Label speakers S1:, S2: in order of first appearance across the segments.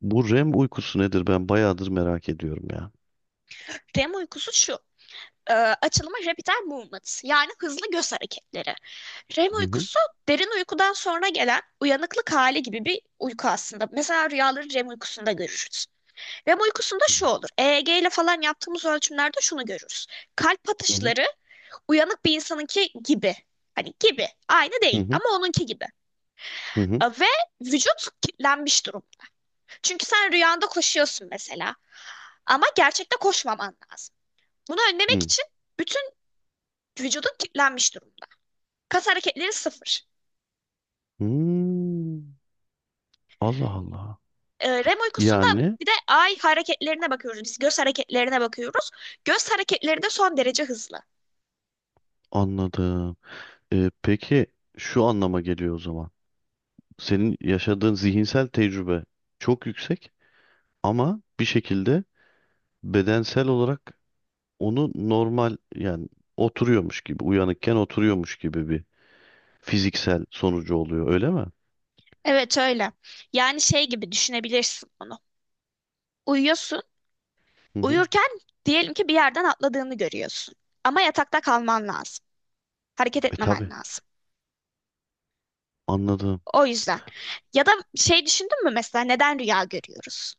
S1: Bu REM uykusu nedir? Ben bayağıdır merak ediyorum ya.
S2: REM uykusu şu. Açılımı rapid eye movement, yani hızlı göz hareketleri. REM
S1: Hı hı.
S2: uykusu derin uykudan sonra gelen uyanıklık hali gibi bir uyku aslında. Mesela rüyaları REM uykusunda görürüz. REM uykusunda
S1: Hı
S2: şu olur: EEG ile falan yaptığımız ölçümlerde şunu görürüz. Kalp
S1: hı.
S2: atışları uyanık bir insanınki gibi. Hani gibi. Aynı
S1: Hı
S2: değil
S1: hı.
S2: ama onunki gibi.
S1: Hı hı.
S2: Ve vücut kilitlenmiş durum. Çünkü sen rüyanda koşuyorsun mesela. Ama gerçekte koşmaman lazım. Bunu önlemek
S1: Hı.
S2: için bütün vücudun kilitlenmiş durumda. Kas hareketleri sıfır.
S1: Hmm. Allah Allah.
S2: REM uykusunda
S1: Yani
S2: bir de ay hareketlerine bakıyoruz. Biz göz hareketlerine bakıyoruz. Göz hareketleri de son derece hızlı.
S1: anladım. Peki şu anlama geliyor o zaman. Senin yaşadığın zihinsel tecrübe çok yüksek, ama bir şekilde bedensel olarak onu normal, yani oturuyormuş gibi, uyanıkken oturuyormuş gibi bir fiziksel sonucu oluyor, öyle mi?
S2: Evet, öyle. Yani şey gibi düşünebilirsin onu. Uyuyorsun.
S1: Hı hı.
S2: Uyurken diyelim ki bir yerden atladığını görüyorsun. Ama yatakta kalman lazım. Hareket
S1: E
S2: etmemen
S1: tabii,
S2: lazım.
S1: anladım.
S2: O yüzden. Ya da şey, düşündün mü mesela neden rüya görüyoruz?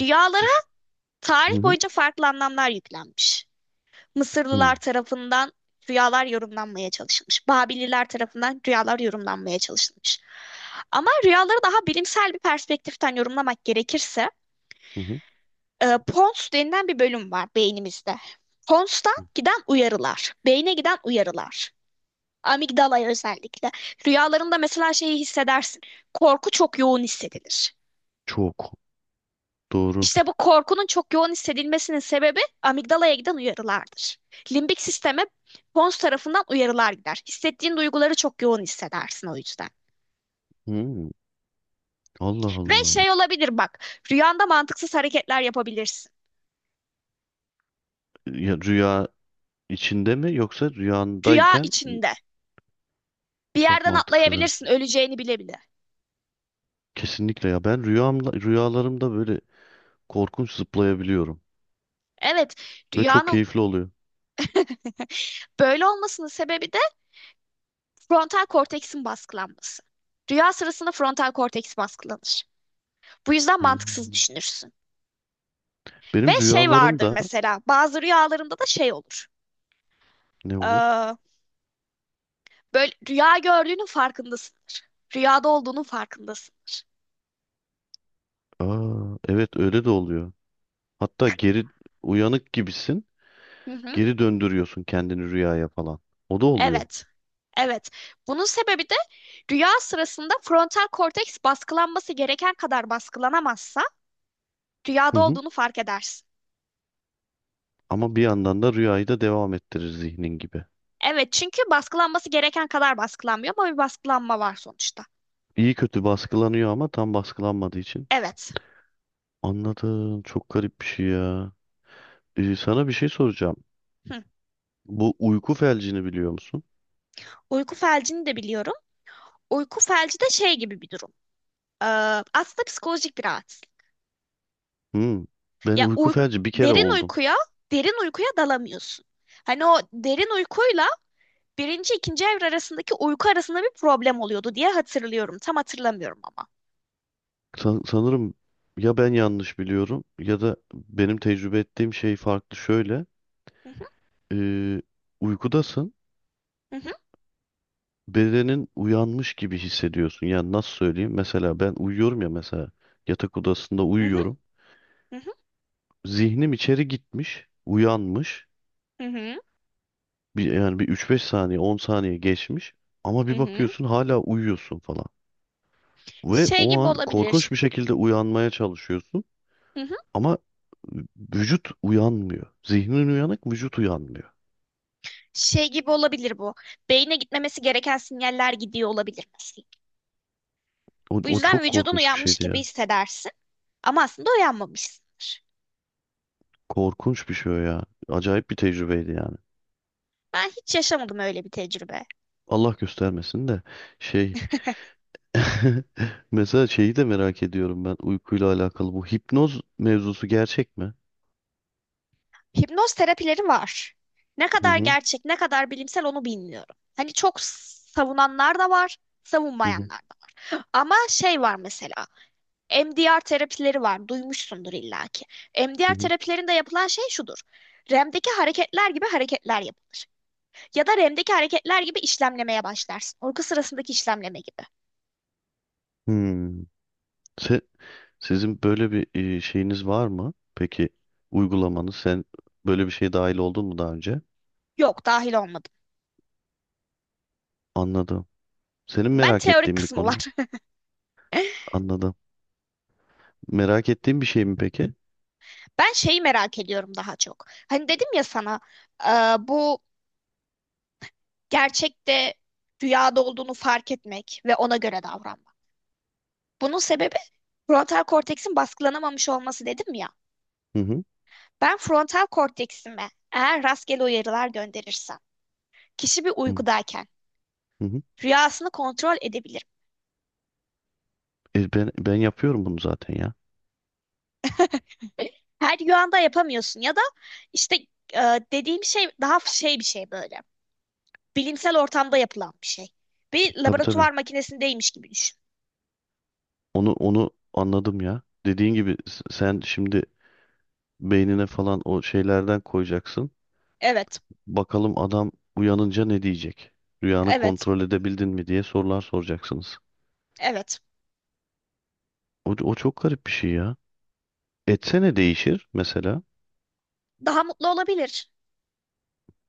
S2: Rüyalara
S1: Düş. Hı
S2: tarih
S1: hı.
S2: boyunca farklı anlamlar yüklenmiş. Mısırlılar tarafından rüyalar yorumlanmaya çalışılmış. Babililer tarafından rüyalar yorumlanmaya çalışılmış. Ama rüyaları daha bilimsel bir perspektiften yorumlamak gerekirse,
S1: Hı hı.
S2: pons denilen bir bölüm var beynimizde. Pons'tan giden uyarılar, beyne giden uyarılar. Amigdala'ya özellikle. Rüyalarında mesela şeyi hissedersin. Korku çok yoğun hissedilir.
S1: Çok doğru.
S2: İşte bu korkunun çok yoğun hissedilmesinin sebebi amigdalaya giden uyarılardır. Limbik sisteme pons tarafından uyarılar gider. Hissettiğin duyguları çok yoğun hissedersin o yüzden.
S1: Hmm, Allah
S2: Ve
S1: Allah.
S2: şey olabilir bak, rüyanda mantıksız hareketler yapabilirsin.
S1: Ya, rüya içinde mi yoksa
S2: Rüya
S1: rüyandayken
S2: içinde. Bir
S1: çok
S2: yerden
S1: mantıksız. Evet.
S2: atlayabilirsin öleceğini bile bile.
S1: Kesinlikle ya, ben rüyamda, rüyalarımda böyle korkunç zıplayabiliyorum
S2: Evet,
S1: ve çok
S2: rüyanın
S1: keyifli oluyor.
S2: böyle olmasının sebebi de frontal korteksin baskılanması. Rüya sırasında frontal korteks baskılanır. Bu yüzden mantıksız
S1: Hmm.
S2: düşünürsün. Ve
S1: Benim
S2: şey
S1: rüyalarım
S2: vardır
S1: da
S2: mesela, bazı rüyalarımda da şey olur.
S1: ne olur?
S2: Ee, Böyle rüya gördüğünün farkındasındır. Rüyada olduğunun farkındasındır.
S1: Aa, evet, öyle de oluyor. Hatta geri, uyanık gibisin,
S2: Hı hı.
S1: geri döndürüyorsun kendini rüyaya falan. O da oluyor.
S2: Evet. Evet. Bunun sebebi de rüya sırasında frontal korteks baskılanması gereken kadar baskılanamazsa
S1: Hı
S2: rüyada
S1: hı.
S2: olduğunu fark edersin.
S1: Ama bir yandan da rüyayı da devam ettirir zihnin gibi.
S2: Evet, çünkü baskılanması gereken kadar baskılanmıyor ama bir baskılanma var sonuçta.
S1: İyi kötü baskılanıyor ama tam baskılanmadığı için.
S2: Evet.
S1: Anladım. Çok garip bir şey ya. Sana bir şey soracağım.
S2: Hı.
S1: Bu uyku felcini biliyor musun?
S2: Uyku felcini de biliyorum. Uyku felci de şey gibi bir durum. Ee, Aslında psikolojik bir rahatsızlık.
S1: Hmm. Ben
S2: Ya
S1: uyku
S2: uy-
S1: felci bir kere
S2: Derin
S1: oldum.
S2: uykuya, dalamıyorsun. Hani o derin uykuyla birinci, ikinci evre arasındaki uyku arasında bir problem oluyordu diye hatırlıyorum. Tam hatırlamıyorum ama.
S1: Sanırım, ya ben yanlış biliyorum ya da benim tecrübe ettiğim şey farklı, şöyle.
S2: Hı hı,
S1: Ee, Uykudasın.
S2: hı hı,
S1: Bedenin uyanmış gibi hissediyorsun. Yani nasıl söyleyeyim? Mesela ben uyuyorum ya, mesela yatak odasında
S2: hı hı,
S1: uyuyorum. Zihnim içeri gitmiş, uyanmış.
S2: hı hı,
S1: Bir, yani bir üç beş saniye, 10 saniye geçmiş ama
S2: hı
S1: bir
S2: hı.
S1: bakıyorsun hala uyuyorsun falan. Ve
S2: Şey
S1: o
S2: gibi
S1: an
S2: olabilir.
S1: korkunç bir şekilde uyanmaya çalışıyorsun
S2: Hı hı.
S1: ama vücut uyanmıyor. Zihnin uyanık, vücut uyanmıyor.
S2: Şey gibi olabilir bu. Beyne gitmemesi gereken sinyaller gidiyor olabilir mesela.
S1: O,
S2: Bu
S1: o
S2: yüzden
S1: çok
S2: vücudun
S1: korkunç bir
S2: uyanmış
S1: şeydi
S2: gibi
S1: ya.
S2: hissedersin ama aslında uyanmamışsındır.
S1: Korkunç bir şey o ya. Acayip bir tecrübeydi yani.
S2: Ben hiç yaşamadım öyle bir tecrübe.
S1: Allah göstermesin de, şey, mesela şeyi de merak ediyorum, ben uykuyla alakalı, bu hipnoz mevzusu gerçek mi?
S2: Hipnoz terapileri var. Ne
S1: Hı
S2: kadar
S1: hı,
S2: gerçek, ne kadar bilimsel onu bilmiyorum. Hani çok savunanlar da var,
S1: hı hı,
S2: savunmayanlar da var. Ama şey var mesela, MDR terapileri var. Duymuşsundur illaki.
S1: hı
S2: MDR
S1: hı.
S2: terapilerinde yapılan şey şudur. REM'deki hareketler gibi hareketler yapılır. Ya da REM'deki hareketler gibi işlemlemeye başlarsın. Uyku sırasındaki işlemleme gibi.
S1: Hmm. Se- Sizin böyle bir, şeyiniz var mı peki? Uygulamanız, sen böyle bir şeye dahil oldun mu daha önce?
S2: Yok, dahil olmadım.
S1: Anladım. Senin
S2: Ben
S1: merak
S2: teorik
S1: ettiğin bir
S2: kısmı var.
S1: konu. Anladım. Merak ettiğin bir şey mi peki?
S2: Ben şeyi merak ediyorum daha çok. Hani dedim ya sana, e, bu gerçekte rüyada olduğunu fark etmek ve ona göre davranmak. Bunun sebebi frontal korteksin baskılanamamış olması dedim ya.
S1: Hı hı.
S2: Ben frontal korteksime eğer rastgele uyarılar gönderirsem, kişi bir
S1: Hı
S2: uykudayken
S1: hı. Hı.
S2: rüyasını kontrol edebilirim.
S1: Ben yapıyorum bunu zaten ya.
S2: Her rüyanda yapamıyorsun ya da işte e, dediğim şey daha şey, bir şey böyle. Bilimsel ortamda yapılan bir şey. Bir
S1: Tabii tabii.
S2: laboratuvar makinesindeymiş gibi düşün.
S1: Onu anladım ya. Dediğin gibi, sen şimdi beynine falan o şeylerden koyacaksın.
S2: Evet,
S1: Bakalım, adam uyanınca ne diyecek? Rüyanı
S2: evet,
S1: kontrol edebildin mi diye sorular soracaksınız.
S2: evet.
S1: O çok garip bir şey ya. Etse ne değişir mesela?
S2: Daha mutlu olabilir.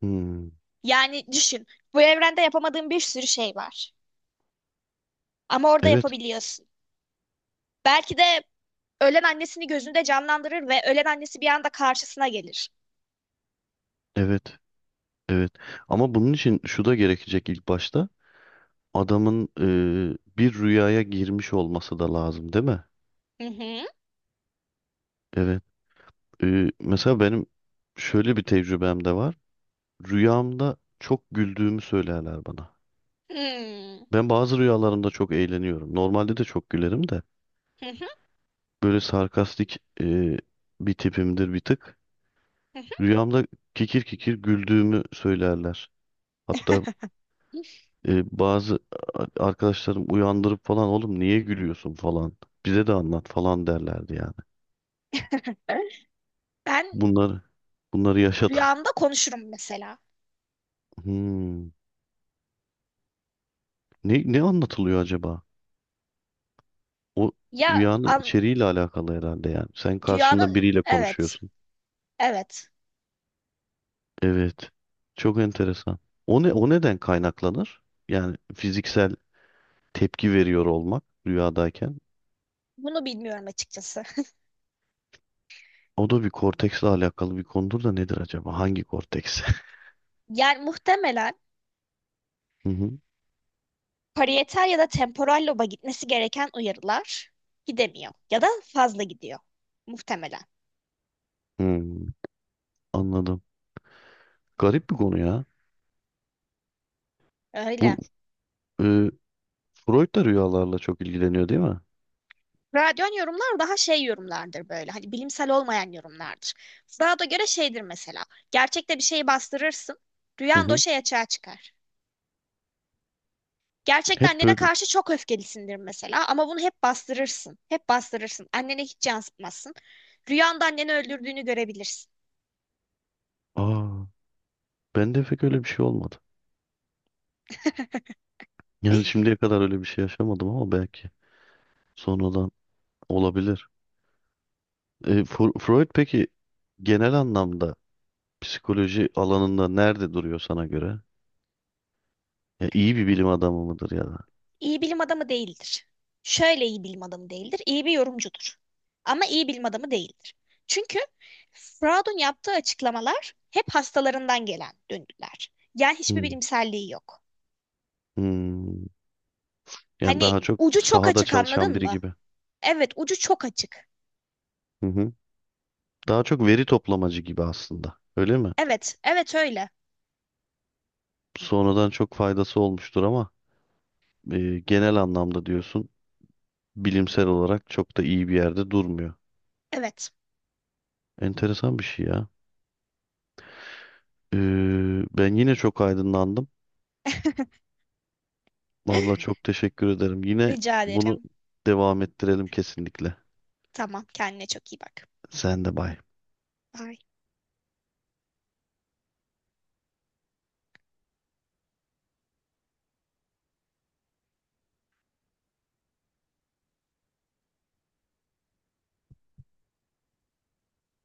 S1: Hmm,
S2: Yani düşün, bu evrende yapamadığın bir sürü şey var. Ama orada
S1: evet,
S2: yapabiliyorsun. Belki de ölen annesini gözünde canlandırır ve ölen annesi bir anda karşısına gelir.
S1: evet, evet. Ama bunun için şu da gerekecek ilk başta. Adamın, bir rüyaya girmiş olması da lazım, değil mi?
S2: Hı hı.
S1: Evet. Mesela benim şöyle bir tecrübem de var. Rüyamda çok güldüğümü söylerler bana.
S2: Hmm.
S1: Ben bazı rüyalarımda çok eğleniyorum. Normalde de çok gülerim de.
S2: Hı hı.
S1: Böyle sarkastik bir tipimdir bir tık.
S2: Hı
S1: Rüyamda kikir kikir güldüğümü söylerler. Hatta
S2: hı.
S1: bazı arkadaşlarım uyandırıp falan, oğlum niye gülüyorsun falan. Bize de anlat falan derlerdi yani.
S2: Ben
S1: Bunları bunları yaşadım.
S2: rüyamda konuşurum mesela.
S1: Hmm. Ne anlatılıyor acaba? O
S2: Ya
S1: rüyanın
S2: an,
S1: içeriğiyle alakalı herhalde yani. Sen karşında
S2: Rüyanın,
S1: biriyle konuşuyorsun.
S2: evet.
S1: Evet. Çok enteresan. O neden kaynaklanır? Yani fiziksel tepki veriyor olmak rüyadayken.
S2: Bunu bilmiyorum açıkçası.
S1: O da bir korteksle alakalı bir konudur da nedir acaba? Hangi korteks?
S2: Yani muhtemelen
S1: Hı hı.
S2: parietal ya da temporal loba gitmesi gereken uyarılar gidemiyor ya da fazla gidiyor muhtemelen.
S1: Hmm, anladım. Garip bir konu ya. Bu,
S2: Öyle.
S1: e, Freud da rüyalarla çok ilgileniyor değil mi?
S2: Radyon yorumlar daha şey yorumlardır böyle. Hani bilimsel olmayan yorumlardır. Freud'a göre şeydir mesela. Gerçekte bir şeyi bastırırsın.
S1: Hı
S2: Rüyan da o
S1: hı.
S2: şey açığa çıkar. Gerçekte
S1: Hep
S2: annene
S1: böyle.
S2: karşı çok öfkelisindir mesela ama bunu hep bastırırsın. Hep bastırırsın. Annene hiç yansıtmazsın. Rüyanda anneni öldürdüğünü görebilirsin.
S1: Aa, ben de pek öyle bir şey olmadı. Yani şimdiye kadar öyle bir şey yaşamadım ama belki sonradan olabilir. Freud peki, genel anlamda psikoloji alanında nerede duruyor sana göre? Ya, iyi bir bilim adamı mıdır ya da?
S2: İyi bilim adamı değildir. Şöyle, iyi bilim adamı değildir. İyi bir yorumcudur. Ama iyi bilim adamı değildir. Çünkü Freud'un yaptığı açıklamalar hep hastalarından gelen döngüler. Yani hiçbir
S1: Hmm.
S2: bilimselliği yok.
S1: Hmm. Yani
S2: Hani
S1: daha çok
S2: ucu çok
S1: sahada
S2: açık,
S1: çalışan
S2: anladın
S1: biri
S2: mı?
S1: gibi.
S2: Evet, ucu çok açık.
S1: Hı hı. Daha çok veri toplamacı gibi aslında, öyle mi?
S2: Evet, evet öyle.
S1: Sonradan çok faydası olmuştur ama, genel anlamda diyorsun bilimsel olarak çok da iyi bir yerde durmuyor.
S2: Evet.
S1: Enteresan bir şey ya. Ben yine çok aydınlandım. Vallahi çok teşekkür ederim. Yine
S2: Rica
S1: bunu
S2: ederim.
S1: devam ettirelim kesinlikle.
S2: Tamam, kendine çok iyi bak.
S1: Sen de bay.
S2: Bye.